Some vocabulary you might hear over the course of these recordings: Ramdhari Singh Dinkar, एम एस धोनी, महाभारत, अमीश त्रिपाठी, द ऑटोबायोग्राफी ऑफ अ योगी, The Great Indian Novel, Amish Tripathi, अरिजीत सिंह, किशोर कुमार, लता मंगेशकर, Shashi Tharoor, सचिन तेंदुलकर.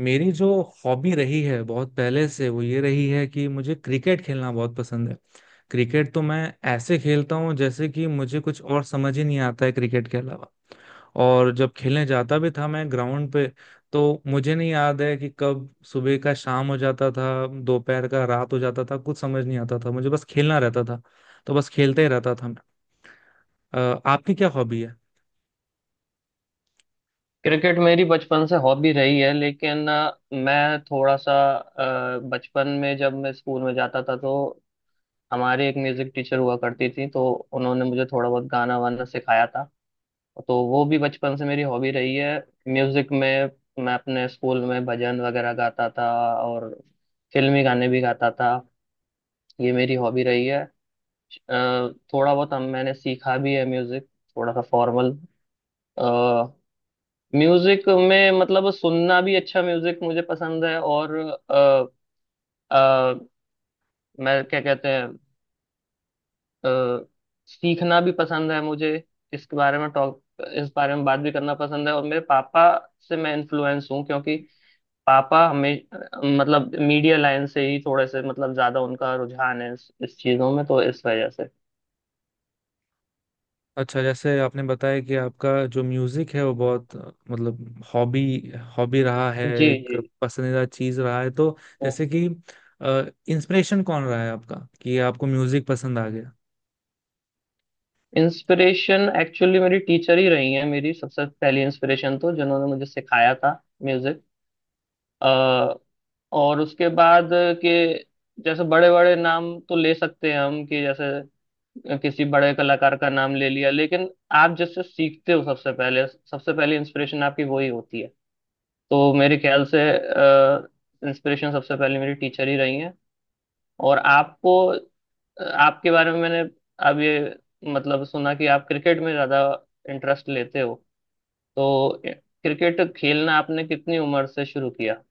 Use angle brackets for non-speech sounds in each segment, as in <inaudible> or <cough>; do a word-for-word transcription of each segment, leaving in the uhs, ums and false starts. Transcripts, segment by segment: मेरी जो हॉबी रही है बहुत पहले से वो ये रही है कि मुझे क्रिकेट खेलना बहुत पसंद है। क्रिकेट तो मैं ऐसे खेलता हूँ जैसे कि मुझे कुछ और समझ ही नहीं आता है क्रिकेट के अलावा। और जब खेलने जाता भी था मैं ग्राउंड पे तो मुझे नहीं याद है कि कब सुबह का शाम हो जाता था, दोपहर का रात हो जाता था, कुछ समझ नहीं आता था, मुझे बस खेलना रहता था। तो बस खेलते ही रहता था मैं। अ, आपकी क्या हॉबी है? क्रिकेट मेरी बचपन से हॉबी रही है। लेकिन अ, मैं थोड़ा सा अ, बचपन में जब मैं स्कूल में जाता था तो हमारे एक म्यूजिक टीचर हुआ करती थी, तो उन्होंने मुझे थोड़ा बहुत गाना वाना सिखाया था। तो वो भी बचपन से मेरी हॉबी रही है, म्यूजिक में। मैं अपने स्कूल में भजन वगैरह गाता था और फिल्मी गाने भी गाता था। ये मेरी हॉबी रही है। अ, थोड़ा बहुत हम मैंने सीखा भी है म्यूजिक, थोड़ा सा फॉर्मल। म्यूजिक में मतलब सुनना भी, अच्छा म्यूजिक मुझे पसंद है। और अ, अ, मैं क्या कहते हैं, अ, सीखना भी पसंद है मुझे। इसके बारे में टॉक, इस बारे में बात भी करना पसंद है। और मेरे पापा से मैं इन्फ्लुएंस हूँ, क्योंकि पापा हमें मतलब मीडिया लाइन से ही, थोड़े से मतलब ज्यादा उनका रुझान है इस, इस चीजों में, तो इस वजह से। अच्छा, जैसे आपने बताया कि आपका जो म्यूजिक है वो बहुत अ, मतलब हॉबी हॉबी रहा है, जी एक जी। पसंदीदा चीज रहा है। तो जैसे कि इंस्पिरेशन कौन रहा है आपका कि आपको म्यूजिक पसंद आ गया? इंस्पिरेशन एक्चुअली मेरी टीचर ही रही है, मेरी सबसे पहली इंस्पिरेशन, तो जिन्होंने मुझे सिखाया था म्यूजिक। अ, और उसके बाद के जैसे बड़े बड़े नाम तो ले सकते हैं हम, कि जैसे किसी बड़े कलाकार का नाम ले लिया, लेकिन आप जिससे सीखते हो सबसे पहले, सबसे पहली इंस्पिरेशन आपकी वही होती है। तो मेरे ख्याल से इंस्पिरेशन सबसे पहले मेरी टीचर ही रही हैं। और आपको, आपके बारे में मैंने अब ये मतलब सुना कि आप क्रिकेट में ज़्यादा इंटरेस्ट लेते हो, तो क्रिकेट खेलना आपने कितनी उम्र से शुरू किया?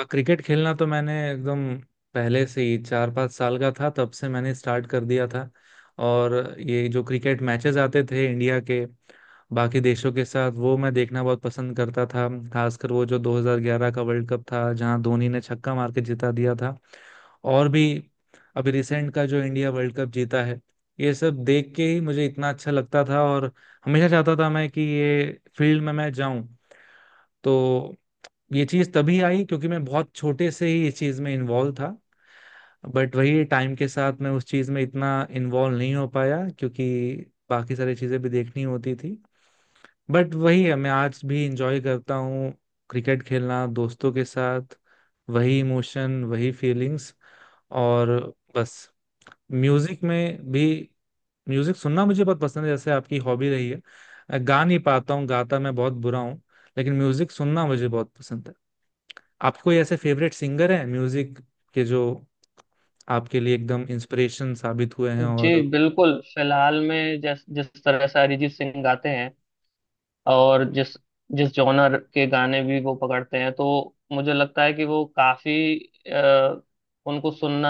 अ, क्रिकेट खेलना तो मैंने एकदम पहले से ही, चार पाँच साल का था तब से मैंने स्टार्ट कर दिया था। और ये जो क्रिकेट मैचेस आते थे इंडिया के बाकी देशों के साथ वो मैं देखना बहुत पसंद करता था, खासकर वो जो दो हज़ार ग्यारह का वर्ल्ड कप था जहां धोनी ने छक्का मार के जिता दिया था। और भी अभी रिसेंट का जो इंडिया वर्ल्ड कप जीता है, ये सब देख के ही मुझे इतना अच्छा लगता था और हमेशा चाहता था मैं कि ये फील्ड में मैं जाऊं। तो ये चीज़ तभी आई क्योंकि मैं बहुत छोटे से ही इस चीज़ में इन्वॉल्व था। बट वही टाइम के साथ मैं उस चीज़ में इतना इन्वॉल्व नहीं हो पाया क्योंकि बाकी सारी चीज़ें भी देखनी होती थी। बट वही है, मैं आज भी इंजॉय करता हूँ क्रिकेट खेलना दोस्तों के साथ। वही इमोशन, वही फीलिंग्स। और बस, म्यूजिक में भी म्यूजिक सुनना मुझे बहुत पसंद है, जैसे आपकी हॉबी रही है। गा नहीं पाता हूँ, गाता मैं बहुत बुरा हूँ, लेकिन म्यूजिक सुनना मुझे बहुत पसंद है। आपको कोई ऐसे फेवरेट सिंगर हैं म्यूजिक के जो आपके लिए एकदम इंस्पिरेशन साबित हुए हैं? जी और बिल्कुल। फिलहाल में जिस जिस तरह से अरिजीत सिंह गाते हैं, और जिस जिस जॉनर के गाने भी वो पकड़ते हैं, तो मुझे लगता है कि वो काफी अ, उनको सुनना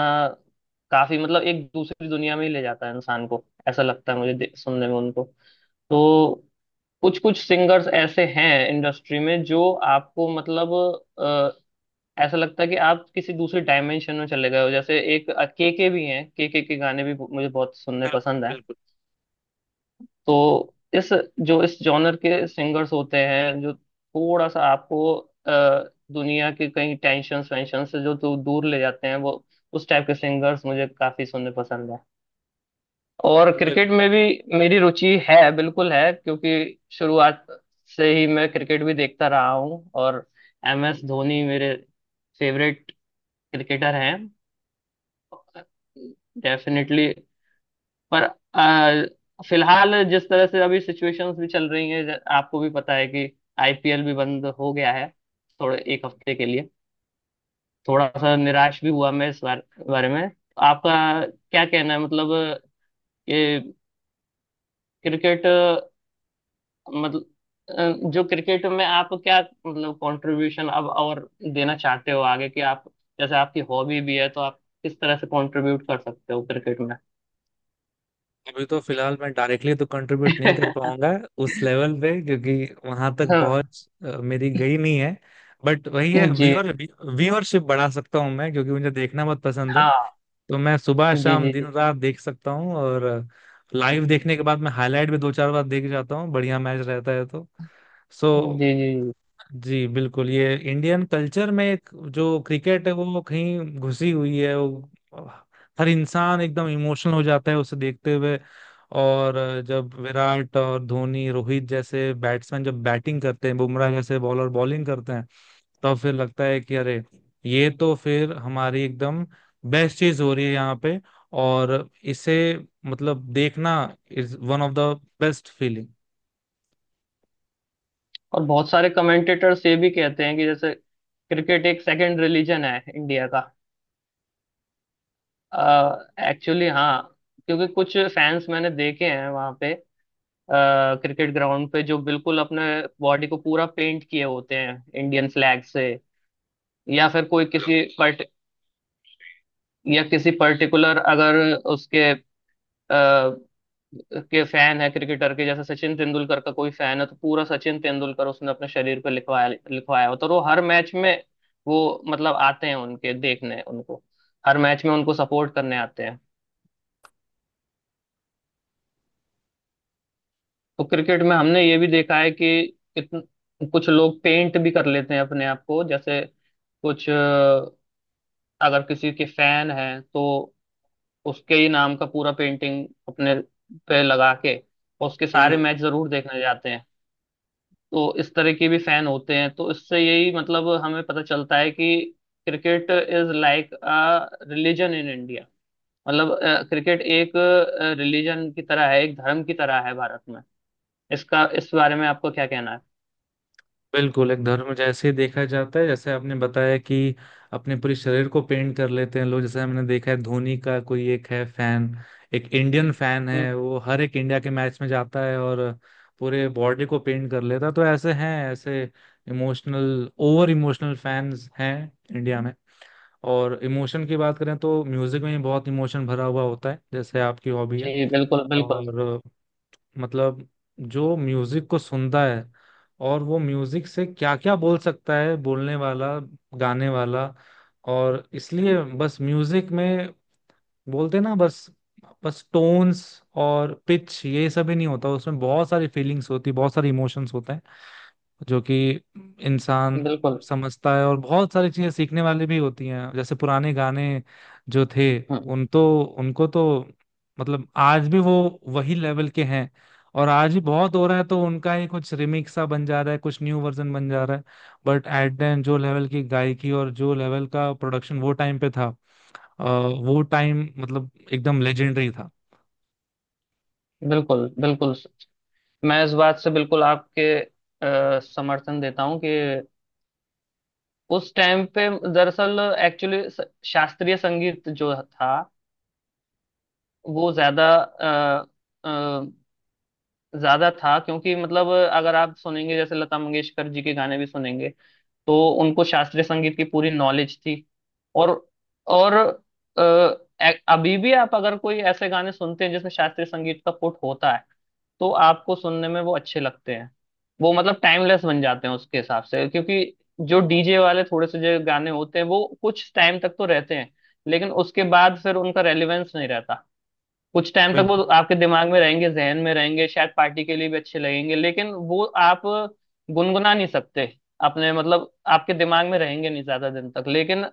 काफी मतलब एक दूसरी दुनिया में ही ले जाता है इंसान को, ऐसा लगता है मुझे दे- सुनने में उनको। तो कुछ कुछ सिंगर्स ऐसे हैं इंडस्ट्री में जो आपको मतलब अ, ऐसा लगता है कि आप किसी दूसरी डायमेंशन में चले गए हो। जैसे एक केके भी हैं, केके के गाने भी मुझे बहुत सुनने बिल्कुल, पसंद हैं। बिल्कुल, तो इस जो इस जॉनर के सिंगर्स होते हैं, जो थोड़ा सा आपको अ, दुनिया के कई टेंशन वेंशन से जो तो दूर ले जाते हैं, वो उस टाइप के सिंगर्स मुझे काफी सुनने पसंद है। और बिल्कुल। क्रिकेट में भी मेरी रुचि है, बिल्कुल है, क्योंकि शुरुआत से ही मैं क्रिकेट भी देखता रहा हूँ। और एम एस धोनी मेरे फेवरेट क्रिकेटर हैं, डेफिनेटली। पर अ, फिलहाल जिस तरह से अभी सिचुएशंस भी चल रही हैं, ज- आपको भी पता है कि आईपीएल भी बंद हो गया है, थोड़े एक हफ्ते के लिए। थोड़ा सा निराश भी हुआ मैं इस बार। बारे में आपका क्या कहना है? मतलब ये क्रिकेट मतलब अ, जो क्रिकेट में आप क्या मतलब कंट्रीब्यूशन अब और देना चाहते हो आगे, कि आप जैसे आपकी हॉबी भी है, तो आप किस तरह से कंट्रीब्यूट कर सकते हो क्रिकेट में? अभी तो फिलहाल मैं डायरेक्टली तो कंट्रीब्यूट नहीं कर <laughs> पाऊंगा उस लेवल पे, क्योंकि वहां तक पहुंच अ, मेरी गई नहीं है। बट वही है, जी। व्यूअर व्यूअरशिप बढ़ा सकता हूँ मैं क्योंकि मुझे देखना बहुत पसंद है। हाँ। तो मैं सुबह जी शाम दिन जी। रात देख सकता हूँ और लाइव जी देखने के बाद मैं हाईलाइट भी दो चार बार देख जाता हूँ, बढ़िया मैच रहता है तो। सो जी। जी जी। जी बिल्कुल, ये इंडियन कल्चर में एक, जो क्रिकेट है वो कहीं घुसी हुई है। वो हर इंसान एकदम इमोशनल हो जाता है उसे देखते हुए। और जब विराट और धोनी रोहित जैसे बैट्समैन जब बैटिंग करते हैं, बुमराह जैसे बॉलर बॉलिंग करते हैं, तब फिर लगता है कि अरे, ये तो फिर हमारी एकदम बेस्ट चीज हो रही है यहाँ पे। और इसे मतलब देखना is one of the best feeling. और बहुत सारे कमेंटेटर्स ये भी कहते हैं कि जैसे क्रिकेट एक सेकंड रिलीजन है इंडिया का, एक्चुअली। हाँ, क्योंकि कुछ फैंस मैंने देखे हैं वहाँ पे, क्रिकेट ग्राउंड पे, जो बिल्कुल अपने बॉडी को पूरा पेंट किए होते हैं इंडियन फ्लैग से। या फिर कोई किसी पर्ट या किसी पर्टिकुलर, अगर उसके के फैन है क्रिकेटर के, जैसे सचिन तेंदुलकर का कोई फैन है तो पूरा सचिन तेंदुलकर उसने अपने शरीर पे लिखवाया लिखवाया होता है। और वो हर मैच में, वो मतलब आते हैं उनके देखने, उनको हर मैच में उनको सपोर्ट करने आते हैं। तो क्रिकेट में हमने ये भी देखा है कि कितन, कुछ लोग पेंट भी कर लेते हैं अपने आप को। जैसे कुछ अ, अगर किसी के फैन है तो उसके ही नाम का पूरा पेंटिंग अपने पे लगा के उसके सारे मैच जरूर देखने जाते हैं। तो इस तरह के भी फैन होते हैं, तो इससे यही मतलब हमें पता चलता है कि cricket is like a religion in India. मतलब क्रिकेट एक रिलीजन की तरह है, एक धर्म की तरह है भारत में। इसका इस बारे में आपको क्या कहना है? बिल्कुल एक धर्म जैसे ही देखा जाता है। जैसे आपने बताया कि अपने पूरे शरीर को पेंट कर लेते हैं लोग, जैसे हमने देखा है धोनी का कोई एक है फैन, एक इंडियन फैन है, हम्म। वो हर एक इंडिया के मैच में जाता है और पूरे बॉडी को पेंट कर लेता है। तो ऐसे हैं, ऐसे इमोशनल ओवर इमोशनल फैंस हैं इंडिया में। और इमोशन की बात करें तो म्यूजिक में भी बहुत इमोशन भरा हुआ होता है, जैसे आपकी हॉबी है। जी बिल्कुल बिल्कुल और मतलब जो म्यूजिक को सुनता है और वो म्यूजिक से क्या क्या बोल सकता है, बोलने वाला, गाने वाला। और इसलिए बस म्यूजिक में बोलते ना, बस बस टोन्स और पिच ये सब ही नहीं होता, उसमें बहुत सारी फीलिंग्स होती, बहुत सारे इमोशंस होते हैं जो कि इंसान बिल्कुल। समझता है। और बहुत सारी चीजें सीखने वाली भी होती हैं, जैसे पुराने गाने जो थे, हम्म। उन तो उनको तो मतलब आज भी वो वही लेवल के हैं। और आज भी बहुत हो रहा है तो उनका ही कुछ रिमिक्स सा बन जा रहा है, कुछ न्यू वर्जन बन जा रहा है। बट एट द एंड जो लेवल की गायकी और जो लेवल का प्रोडक्शन वो टाइम पे था, अ, वो टाइम मतलब एकदम लेजेंडरी था। बिल्कुल बिल्कुल। मैं इस बात से बिल्कुल आपके अ, समर्थन देता हूँ कि उस टाइम पे दरअसल, एक्चुअली, शास्त्रीय संगीत जो था वो ज्यादा अ, अ, ज्यादा था। क्योंकि मतलब अगर आप सुनेंगे, जैसे लता मंगेशकर जी के गाने भी सुनेंगे, तो उनको शास्त्रीय संगीत की पूरी नॉलेज थी। और और अ, ए- अभी भी आप अगर कोई ऐसे गाने सुनते हैं जिसमें शास्त्रीय संगीत का पुट होता है, तो आपको सुनने में वो अच्छे लगते हैं। वो मतलब टाइमलेस बन जाते हैं उसके हिसाब से। क्योंकि जो डीजे वाले थोड़े से जो गाने होते हैं, वो कुछ टाइम तक तो रहते हैं, लेकिन उसके बाद फिर उनका रेलेवेंस नहीं रहता। कुछ टाइम तक वो बिल्कुल आपके दिमाग में रहेंगे, जहन में रहेंगे, शायद पार्टी के लिए भी अच्छे लगेंगे, लेकिन वो आप गुनगुना नहीं सकते अपने, मतलब आपके दिमाग में रहेंगे नहीं ज्यादा दिन तक। लेकिन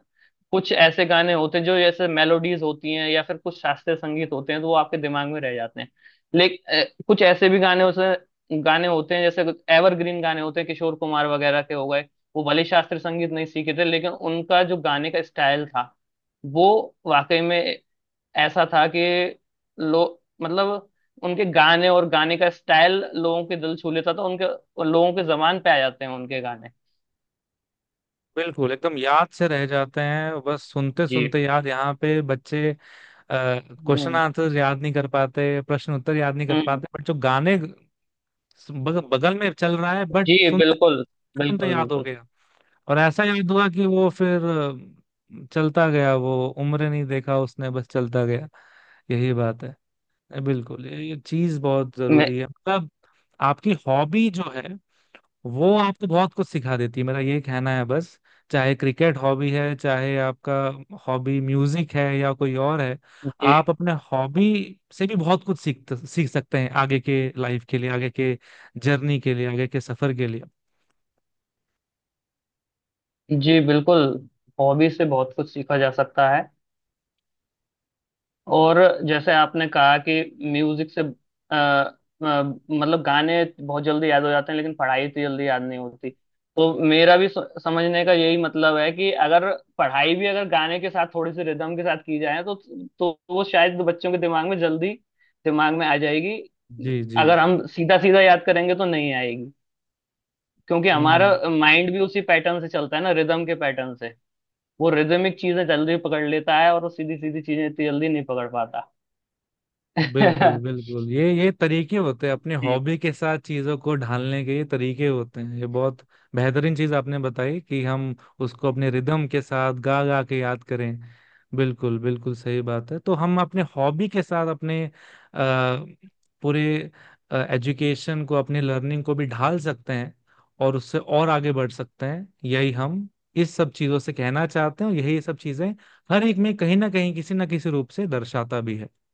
कुछ ऐसे गाने होते हैं जो जैसे मेलोडीज होती हैं या फिर कुछ शास्त्रीय संगीत होते हैं, तो वो आपके दिमाग में रह जाते हैं। लेकिन कुछ ऐसे भी गाने होते गाने होते हैं, जैसे एवरग्रीन गाने होते हैं, किशोर कुमार वगैरह के हो गए। वो भले शास्त्रीय संगीत नहीं सीखे थे, लेकिन उनका जो गाने का स्टाइल था वो वाकई में ऐसा था कि लो, मतलब उनके गाने और गाने का स्टाइल लोगों के दिल छू लेता था उनके, लोगों के जबान पे आ जाते हैं उनके गाने। बिल्कुल एकदम याद से रह जाते हैं, बस सुनते जी। सुनते याद। यहाँ पे बच्चे क्वेश्चन हम्म। आंसर याद नहीं कर पाते, प्रश्न उत्तर याद नहीं कर हम्म। पाते, बट जो गाने बग, बगल में चल रहा है जी बट सुनते बिल्कुल सुनते बिल्कुल याद हो बिल्कुल। गया। और ऐसा याद हुआ कि वो फिर अ, चलता गया, वो उम्र नहीं देखा उसने, बस चलता गया। यही बात है। बिल्कुल ये, ये चीज बहुत मैं, जरूरी है। मतलब आपकी हॉबी जो है वो आपको बहुत कुछ सिखा देती है, मेरा ये कहना है बस। चाहे क्रिकेट हॉबी है, चाहे आपका हॉबी म्यूजिक है या कोई और है, जी आप अपने हॉबी से भी बहुत कुछ सीख सीख सकते हैं आगे के लाइफ के लिए, आगे के जर्नी के लिए, आगे के सफर के लिए। जी बिल्कुल। हॉबी से बहुत कुछ सीखा जा सकता है। और जैसे आपने कहा कि म्यूजिक से अ, अ, मतलब गाने बहुत जल्दी याद हो जाते हैं, लेकिन पढ़ाई तो जल्दी याद नहीं होती। तो मेरा भी स- समझने का यही मतलब है कि अगर पढ़ाई भी अगर गाने के साथ थोड़ी सी रिदम के साथ की जाए तो तो वो शायद बच्चों के दिमाग में जल्दी दिमाग में आ जाएगी। जी जी अगर जी। हम सीधा सीधा याद करेंगे तो नहीं आएगी, क्योंकि हमारा हम्म। माइंड भी उसी पैटर्न से चलता है ना, रिदम के पैटर्न से। वो रिदमिक चीजें जल्दी पकड़ लेता है, और वो सीधी सीधी चीजें इतनी जल्दी नहीं पकड़ पाता। बिल्कुल <laughs> बिल्कुल ये ये तरीके होते हैं अपने जी। हॉबी के साथ चीजों को ढालने के, ये तरीके होते हैं। ये बहुत बेहतरीन चीज आपने बताई कि हम उसको अपने रिदम के साथ गा गा के याद करें। बिल्कुल बिल्कुल सही बात है। तो हम अपने हॉबी के साथ अपने अ, पूरे एजुकेशन को, अपने लर्निंग को भी ढाल सकते हैं और उससे और आगे बढ़ सकते हैं। यही हम इस सब चीजों से कहना चाहते हैं, और यही सब चीजें हर एक में कहीं ना कहीं किसी ना किसी रूप से दर्शाता भी है।